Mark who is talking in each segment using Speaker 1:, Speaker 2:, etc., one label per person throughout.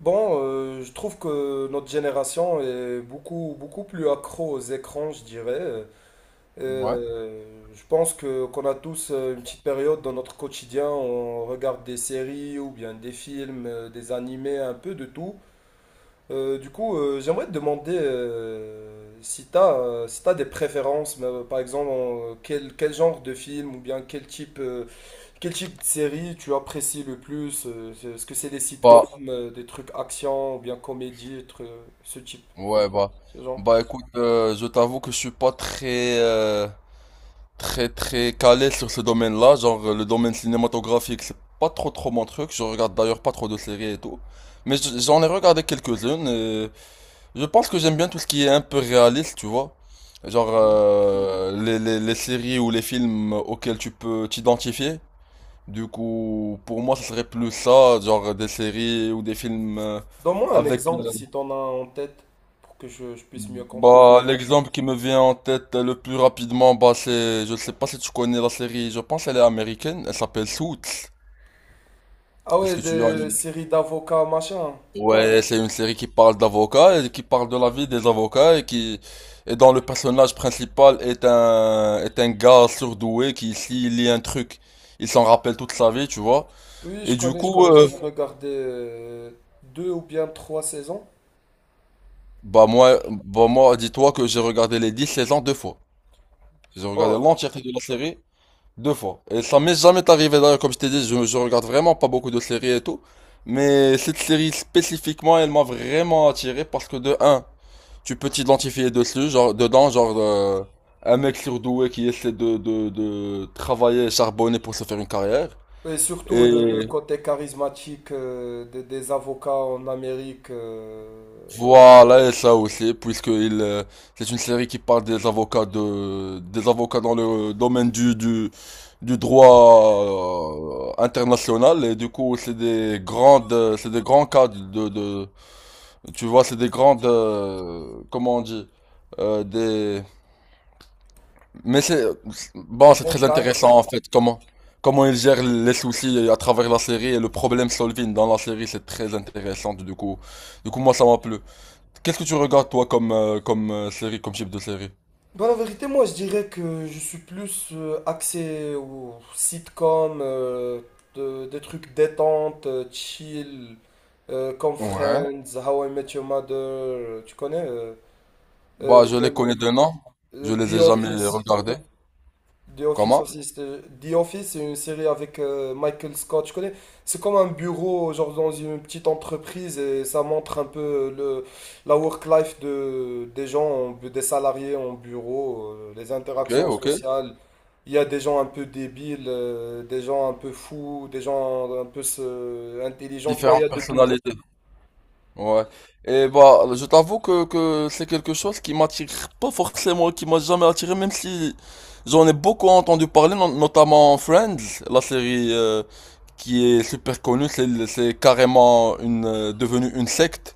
Speaker 1: Bon, je trouve que notre génération est beaucoup, beaucoup plus accro aux écrans, je dirais.
Speaker 2: Ouais.
Speaker 1: Euh, je pense que qu'on a tous une petite période dans notre quotidien, on regarde des séries ou bien des films, des animés, un peu de tout. Du coup, j'aimerais te demander si tu as, si t'as des préférences, mais, par exemple, quel genre de film ou bien quel type de série tu apprécies le plus? Est-ce que c'est des sitcoms,
Speaker 2: Bah,
Speaker 1: des trucs action ou bien comédie, ce type,
Speaker 2: ouais, bah.
Speaker 1: ce genre?
Speaker 2: Bah écoute, je t'avoue que je suis pas très, très, très calé sur ce domaine-là. Genre, le domaine cinématographique, c'est pas trop mon truc. Je regarde d'ailleurs pas trop de séries et tout. Mais j'en ai regardé quelques-unes et je pense que j'aime bien tout ce qui est un peu réaliste, tu vois. Genre, les, les séries ou les films auxquels tu peux t'identifier. Du coup, pour moi, ce serait plus ça, genre des séries ou des films
Speaker 1: Donne-moi un
Speaker 2: avec...
Speaker 1: exemple si t'en as un en tête pour que je puisse mieux comprendre.
Speaker 2: Bah, l'exemple qui me vient en tête le plus rapidement, bah, c'est, je sais pas si tu connais la série, je pense elle est américaine, elle s'appelle Suits.
Speaker 1: Ah
Speaker 2: Est-ce
Speaker 1: ouais,
Speaker 2: que tu as
Speaker 1: des
Speaker 2: une...
Speaker 1: séries d'avocats, machin.
Speaker 2: Ouais, c'est une série qui parle d'avocats et qui parle de la vie des avocats et qui, et dont le personnage principal est un gars surdoué qui, s'il lit un truc, il s'en rappelle toute sa vie, tu vois.
Speaker 1: Oui,
Speaker 2: Et
Speaker 1: je
Speaker 2: du
Speaker 1: connais, je
Speaker 2: coup,
Speaker 1: connais. J'avais regardé deux ou bien trois saisons.
Speaker 2: bah, moi, dis-toi que j'ai regardé les 10 saisons deux fois. J'ai regardé
Speaker 1: Oh,
Speaker 2: l'entièreté de la série. Deux fois. Et ça m'est jamais arrivé d'ailleurs, comme je t'ai dit, je regarde vraiment pas beaucoup de séries et tout. Mais cette série spécifiquement, elle m'a vraiment attiré parce que de un, tu peux t'identifier dessus, genre dedans, genre un mec surdoué qui essaie de travailler et charbonner pour se faire une carrière.
Speaker 1: et surtout le
Speaker 2: Et
Speaker 1: côté charismatique des avocats en Amérique,
Speaker 2: voilà, et ça aussi, puisque il, c'est une série qui parle des avocats de, des avocats dans le domaine du droit international, et du coup, c'est des grandes, c'est des grands cas tu vois, c'est des grandes, comment on dit, euh, des, mais c'est,
Speaker 1: des
Speaker 2: bon, c'est
Speaker 1: grands
Speaker 2: très
Speaker 1: cadres.
Speaker 2: intéressant en fait, comment ils gèrent les soucis à travers la série et le problème solving dans la série, c'est très intéressant, du coup, moi, ça m'a plu. Qu'est-ce que tu regardes toi comme, série, comme type de série?
Speaker 1: Dans la vérité, moi, je dirais que je suis plus axé aux sitcoms, des trucs détente, chill, comme
Speaker 2: Ouais.
Speaker 1: Friends, How I Met Your Mother, tu connais? euh, euh,
Speaker 2: Bah, je les
Speaker 1: même
Speaker 2: connais de nom,
Speaker 1: euh,
Speaker 2: je les
Speaker 1: The
Speaker 2: ai jamais
Speaker 1: Office.
Speaker 2: regardés.
Speaker 1: The Office
Speaker 2: Comment?
Speaker 1: aussi. The Office, c'est une série avec Michael Scott, je connais. C'est comme un bureau, genre dans une petite entreprise, et ça montre un peu la work-life des gens, des salariés en bureau, les
Speaker 2: Ok,
Speaker 1: interactions
Speaker 2: ok.
Speaker 1: sociales. Il y a des gens un peu débiles, des gens un peu fous, des gens un peu intelligents, tu vois, il y a
Speaker 2: Différentes
Speaker 1: de tout.
Speaker 2: personnalités. Ouais. Et bah, je t'avoue que c'est quelque chose qui m'attire pas forcément, qui m'a jamais attiré, même si j'en ai beaucoup entendu parler, notamment Friends, la série qui est super connue, c'est carrément une devenue une secte.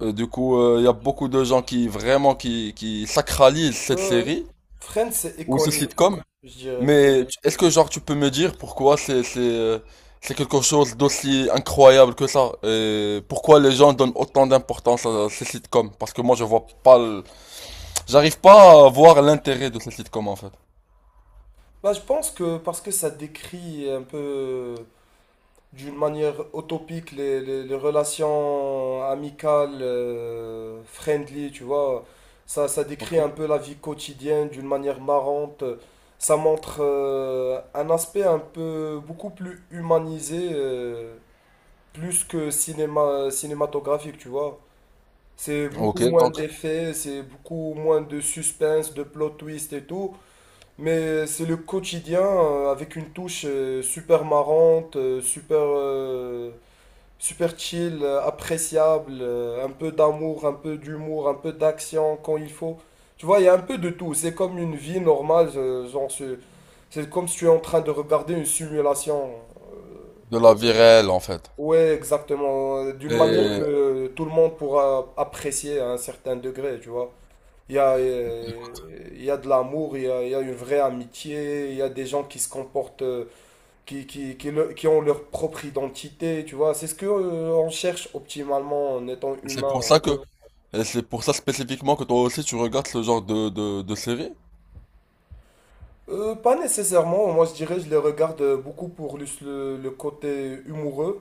Speaker 2: Du coup, il y a beaucoup de gens qui vraiment qui sacralisent cette
Speaker 1: Ouais, ouais.
Speaker 2: série.
Speaker 1: Friends, c'est
Speaker 2: Ou ce
Speaker 1: iconique,
Speaker 2: sitcom,
Speaker 1: je dirais.
Speaker 2: mais est-ce que genre tu peux me dire pourquoi c'est quelque chose d'aussi incroyable que ça et pourquoi les gens donnent autant d'importance à ces sitcoms? Parce que moi je vois pas j'arrive pas à voir l'intérêt de ces sitcoms en fait.
Speaker 1: Bah, je pense que parce que ça décrit un peu, d'une manière utopique les relations amicales, friendly, tu vois. Ça
Speaker 2: Ok.
Speaker 1: décrit un peu la vie quotidienne d'une manière marrante. Ça montre un aspect un peu beaucoup plus humanisé, plus que cinématographique, tu vois. C'est beaucoup
Speaker 2: Ok,
Speaker 1: moins
Speaker 2: donc
Speaker 1: d'effets, c'est beaucoup moins de suspense, de plot twist et tout. Mais c'est le quotidien avec une touche super marrante, super chill, appréciable, un peu d'amour, un peu d'humour, un peu d'action quand il faut. Tu vois, il y a un peu de tout. C'est comme une vie normale, genre c'est comme si tu es en train de regarder une simulation.
Speaker 2: de la vie réelle en fait.
Speaker 1: Ouais, exactement. D'une manière
Speaker 2: Et
Speaker 1: que tout le monde pourra apprécier à un certain degré, tu vois. Il y a, euh, il y a de l'amour, il y a une vraie amitié, il y a des gens qui se comportent qui qui ont leur propre identité, tu vois. C'est ce que on cherche optimalement en étant
Speaker 2: c'est pour
Speaker 1: humain.
Speaker 2: ça que et c'est pour ça spécifiquement que toi aussi tu regardes ce genre de série?
Speaker 1: Pas nécessairement, moi je dirais, je les regarde beaucoup pour le côté humoureux.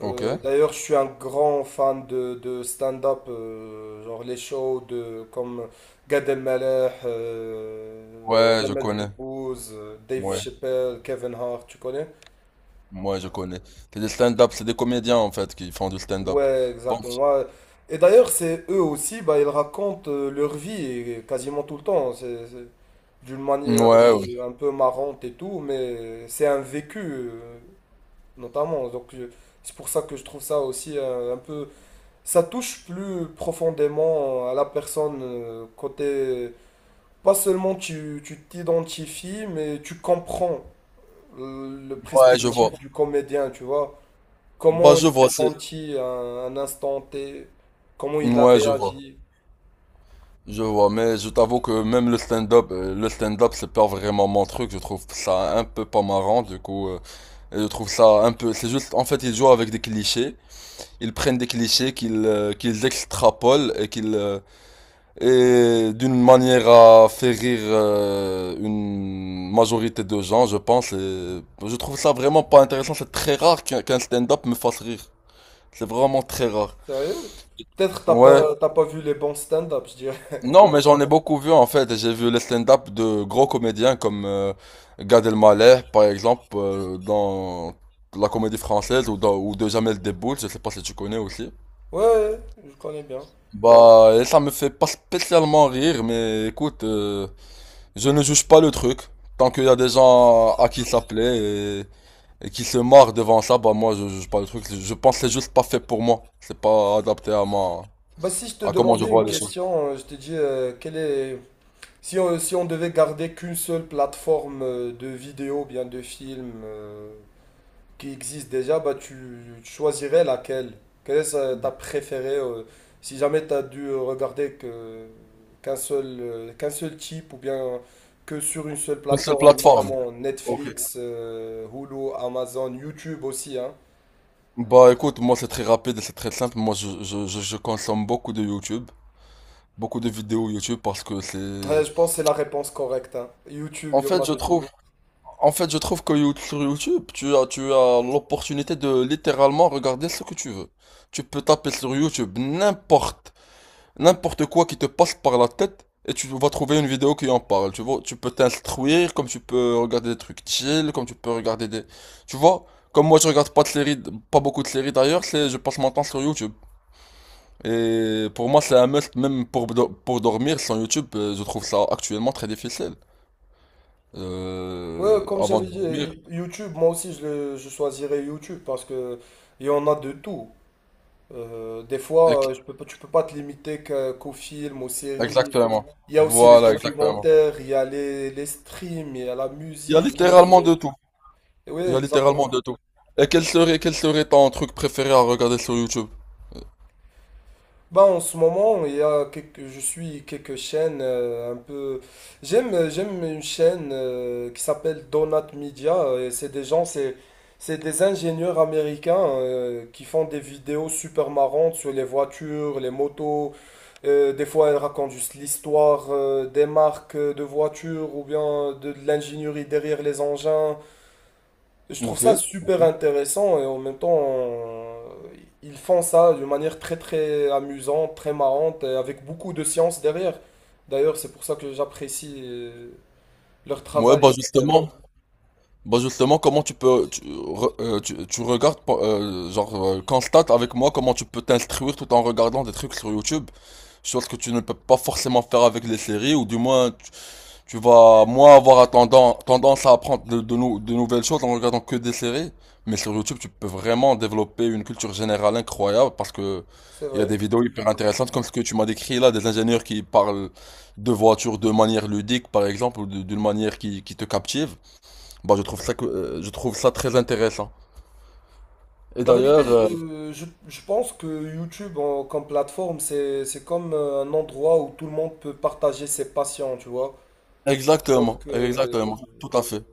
Speaker 2: Ok.
Speaker 1: D'ailleurs, je suis un grand fan de stand-up, genre les shows comme Gad Elmaleh,
Speaker 2: Ouais, je
Speaker 1: Jamel
Speaker 2: connais.
Speaker 1: Debbouze, Dave
Speaker 2: Ouais,
Speaker 1: Chappelle, Kevin Hart, tu connais?
Speaker 2: moi je connais. C'est des stand-up, c'est des comédiens en fait qui font du stand-up.
Speaker 1: Ouais,
Speaker 2: Bon,
Speaker 1: exactement. Et d'ailleurs, c'est eux aussi, bah, ils racontent leur vie et quasiment tout le temps. C'est d'une manière
Speaker 2: ouais,
Speaker 1: un peu marrante et tout, mais c'est un vécu, notamment. Donc, c'est pour ça que je trouve ça aussi un peu. Ça touche plus profondément à la personne, côté. Pas seulement tu t'identifies, mais tu comprends le
Speaker 2: ouais, je vois.
Speaker 1: perspective du comédien, tu vois.
Speaker 2: Bah,
Speaker 1: Comment il
Speaker 2: je
Speaker 1: s'est
Speaker 2: vois, c'est...
Speaker 1: senti à un instant T? Comment il a
Speaker 2: Ouais, je vois.
Speaker 1: réagi?
Speaker 2: Je vois, mais je t'avoue que même le stand-up, c'est pas vraiment mon truc. Je trouve ça un peu pas marrant, du coup. Et je trouve ça un peu... C'est juste, en fait, ils jouent avec des clichés. Ils prennent des clichés qu'ils extrapolent et et d'une manière à faire rire une majorité de gens, je pense. Et je trouve ça vraiment pas intéressant. C'est très rare qu'un stand-up me fasse rire. C'est vraiment très rare.
Speaker 1: Sérieux? Peut-être
Speaker 2: Ouais,
Speaker 1: t'as pas vu les bons stand-up, je dirais.
Speaker 2: non, mais j'en ai beaucoup vu en fait. J'ai vu les stand-up de gros comédiens comme Gad Elmaleh, par exemple, dans la comédie française ou, ou de Jamel Debbouze. Je sais pas si tu connais aussi.
Speaker 1: Ouais, ouais, je connais bien.
Speaker 2: Bah, et ça me fait pas spécialement rire, mais écoute, je ne juge pas le truc. Tant qu'il y a des gens à qui ça plaît et qui se marrent devant ça, bah moi je juge pas le truc. Je pense que c'est juste pas fait pour moi. C'est pas adapté à ma,
Speaker 1: Bah si je te
Speaker 2: à comment je
Speaker 1: demandais une
Speaker 2: vois les choses.
Speaker 1: question, je te dis quelle est si on devait garder qu'une seule plateforme de vidéo, bien de film, qui existe déjà, bah, tu choisirais laquelle? Quelle est ta préférée si jamais tu as dû regarder qu'un seul type ou bien que sur une seule
Speaker 2: Une seule
Speaker 1: plateforme,
Speaker 2: plateforme.
Speaker 1: notamment
Speaker 2: Ok.
Speaker 1: Netflix, Hulu, Amazon, YouTube aussi, hein.
Speaker 2: Bah écoute, moi c'est très rapide et c'est très simple. Moi je consomme beaucoup de YouTube, beaucoup de vidéos YouTube parce que
Speaker 1: Ouais,
Speaker 2: c'est...
Speaker 1: je pense que c'est la réponse correcte, hein. YouTube,
Speaker 2: En
Speaker 1: il y en
Speaker 2: fait
Speaker 1: a
Speaker 2: je
Speaker 1: de tout.
Speaker 2: trouve, en fait je trouve que sur YouTube, tu as l'opportunité de littéralement regarder ce que tu veux. Tu peux taper sur YouTube n'importe, n'importe quoi qui te passe par la tête et tu vas trouver une vidéo qui en parle. Tu vois, tu peux t'instruire comme tu peux regarder des trucs chill, comme tu peux regarder des... Tu vois, comme moi je regarde pas de séries, pas beaucoup de séries d'ailleurs, c'est je passe mon temps sur YouTube. Et pour moi, c'est un must, même pour, pour dormir sans YouTube, je trouve ça actuellement très difficile.
Speaker 1: Ouais, comme
Speaker 2: Avant
Speaker 1: j'avais
Speaker 2: de
Speaker 1: dit,
Speaker 2: dormir.
Speaker 1: YouTube, moi aussi, je choisirais YouTube parce que il y en a de tout. Des fois,
Speaker 2: Ec-
Speaker 1: je peux, pas- tu peux pas te limiter qu'aux films, aux séries.
Speaker 2: Exactement.
Speaker 1: Il y a aussi les
Speaker 2: Voilà, exactement.
Speaker 1: documentaires, il y a les streams, il y a la
Speaker 2: Il y a
Speaker 1: musique, il y a
Speaker 2: littéralement
Speaker 1: les...
Speaker 2: de tout.
Speaker 1: Oui,
Speaker 2: Il y a
Speaker 1: exactement.
Speaker 2: littéralement de tout. Et quel serait ton truc préféré à regarder sur YouTube?
Speaker 1: Bah, en ce moment, il y a quelques, je suis quelques chaînes un peu... j'aime une chaîne qui s'appelle Donut Media, et c'est des gens, c'est des ingénieurs américains qui font des vidéos super marrantes sur les voitures, les motos. Des fois, elles racontent juste l'histoire des marques de voitures ou bien de l'ingénierie derrière les engins. Je trouve
Speaker 2: Ok.
Speaker 1: ça super intéressant et en même temps, ils font ça d'une manière très très amusante, très marrante et avec beaucoup de science derrière. D'ailleurs, c'est pour ça que j'apprécie leur
Speaker 2: Ouais,
Speaker 1: travail énormément.
Speaker 2: bah justement, comment tu peux, tu regardes, constate avec moi comment tu peux t'instruire tout en regardant des trucs sur YouTube, chose que tu ne peux pas forcément faire avec les séries, ou du moins, tu vas moins avoir tendance à apprendre de nouvelles choses en regardant que des séries. Mais sur YouTube, tu peux vraiment développer une culture générale incroyable parce que
Speaker 1: C'est
Speaker 2: il y a des
Speaker 1: vrai.
Speaker 2: vidéos hyper intéressantes comme ce que tu m'as décrit là, des ingénieurs qui parlent de voitures de manière ludique, par exemple, d'une manière qui te captive. Bah, je trouve ça, je trouve ça très intéressant. Et
Speaker 1: La vérité,
Speaker 2: d'ailleurs,
Speaker 1: je pense que YouTube comme plateforme, c'est comme un endroit où tout le monde peut partager ses passions, tu vois.
Speaker 2: exactement,
Speaker 1: Donc, euh,
Speaker 2: exactement, tout à fait,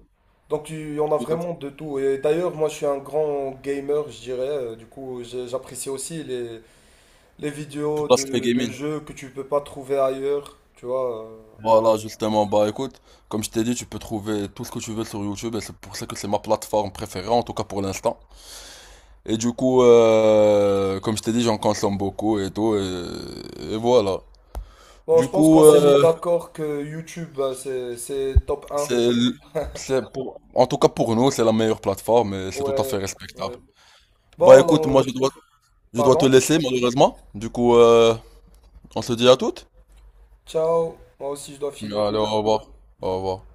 Speaker 1: donc, il y en a
Speaker 2: tout à fait,
Speaker 1: vraiment de tout. Et d'ailleurs, moi je suis un grand gamer, je dirais. Du coup, j'apprécie aussi les
Speaker 2: tout
Speaker 1: vidéos
Speaker 2: l'aspect
Speaker 1: de
Speaker 2: gaming.
Speaker 1: jeux que tu peux pas trouver ailleurs, tu vois.
Speaker 2: Voilà, justement, bah écoute, comme je t'ai dit, tu peux trouver tout ce que tu veux sur YouTube et c'est pour ça que c'est ma plateforme préférée, en tout cas pour l'instant. Et du coup, comme je t'ai dit, j'en consomme beaucoup et tout, et voilà.
Speaker 1: Bon, je
Speaker 2: Du
Speaker 1: pense
Speaker 2: coup,
Speaker 1: qu'on s'est mis d'accord que YouTube, c'est top un.
Speaker 2: c'est, l- c'est pour, en tout cas pour nous, c'est la meilleure plateforme et c'est tout à fait
Speaker 1: Ouais,
Speaker 2: respectable.
Speaker 1: ouais.
Speaker 2: Bah écoute,
Speaker 1: Bon,
Speaker 2: moi je dois te
Speaker 1: pardon.
Speaker 2: laisser malheureusement. Du coup, on se dit à toutes.
Speaker 1: Ciao. Moi aussi, je dois
Speaker 2: Allez,
Speaker 1: filer.
Speaker 2: au revoir. Au revoir.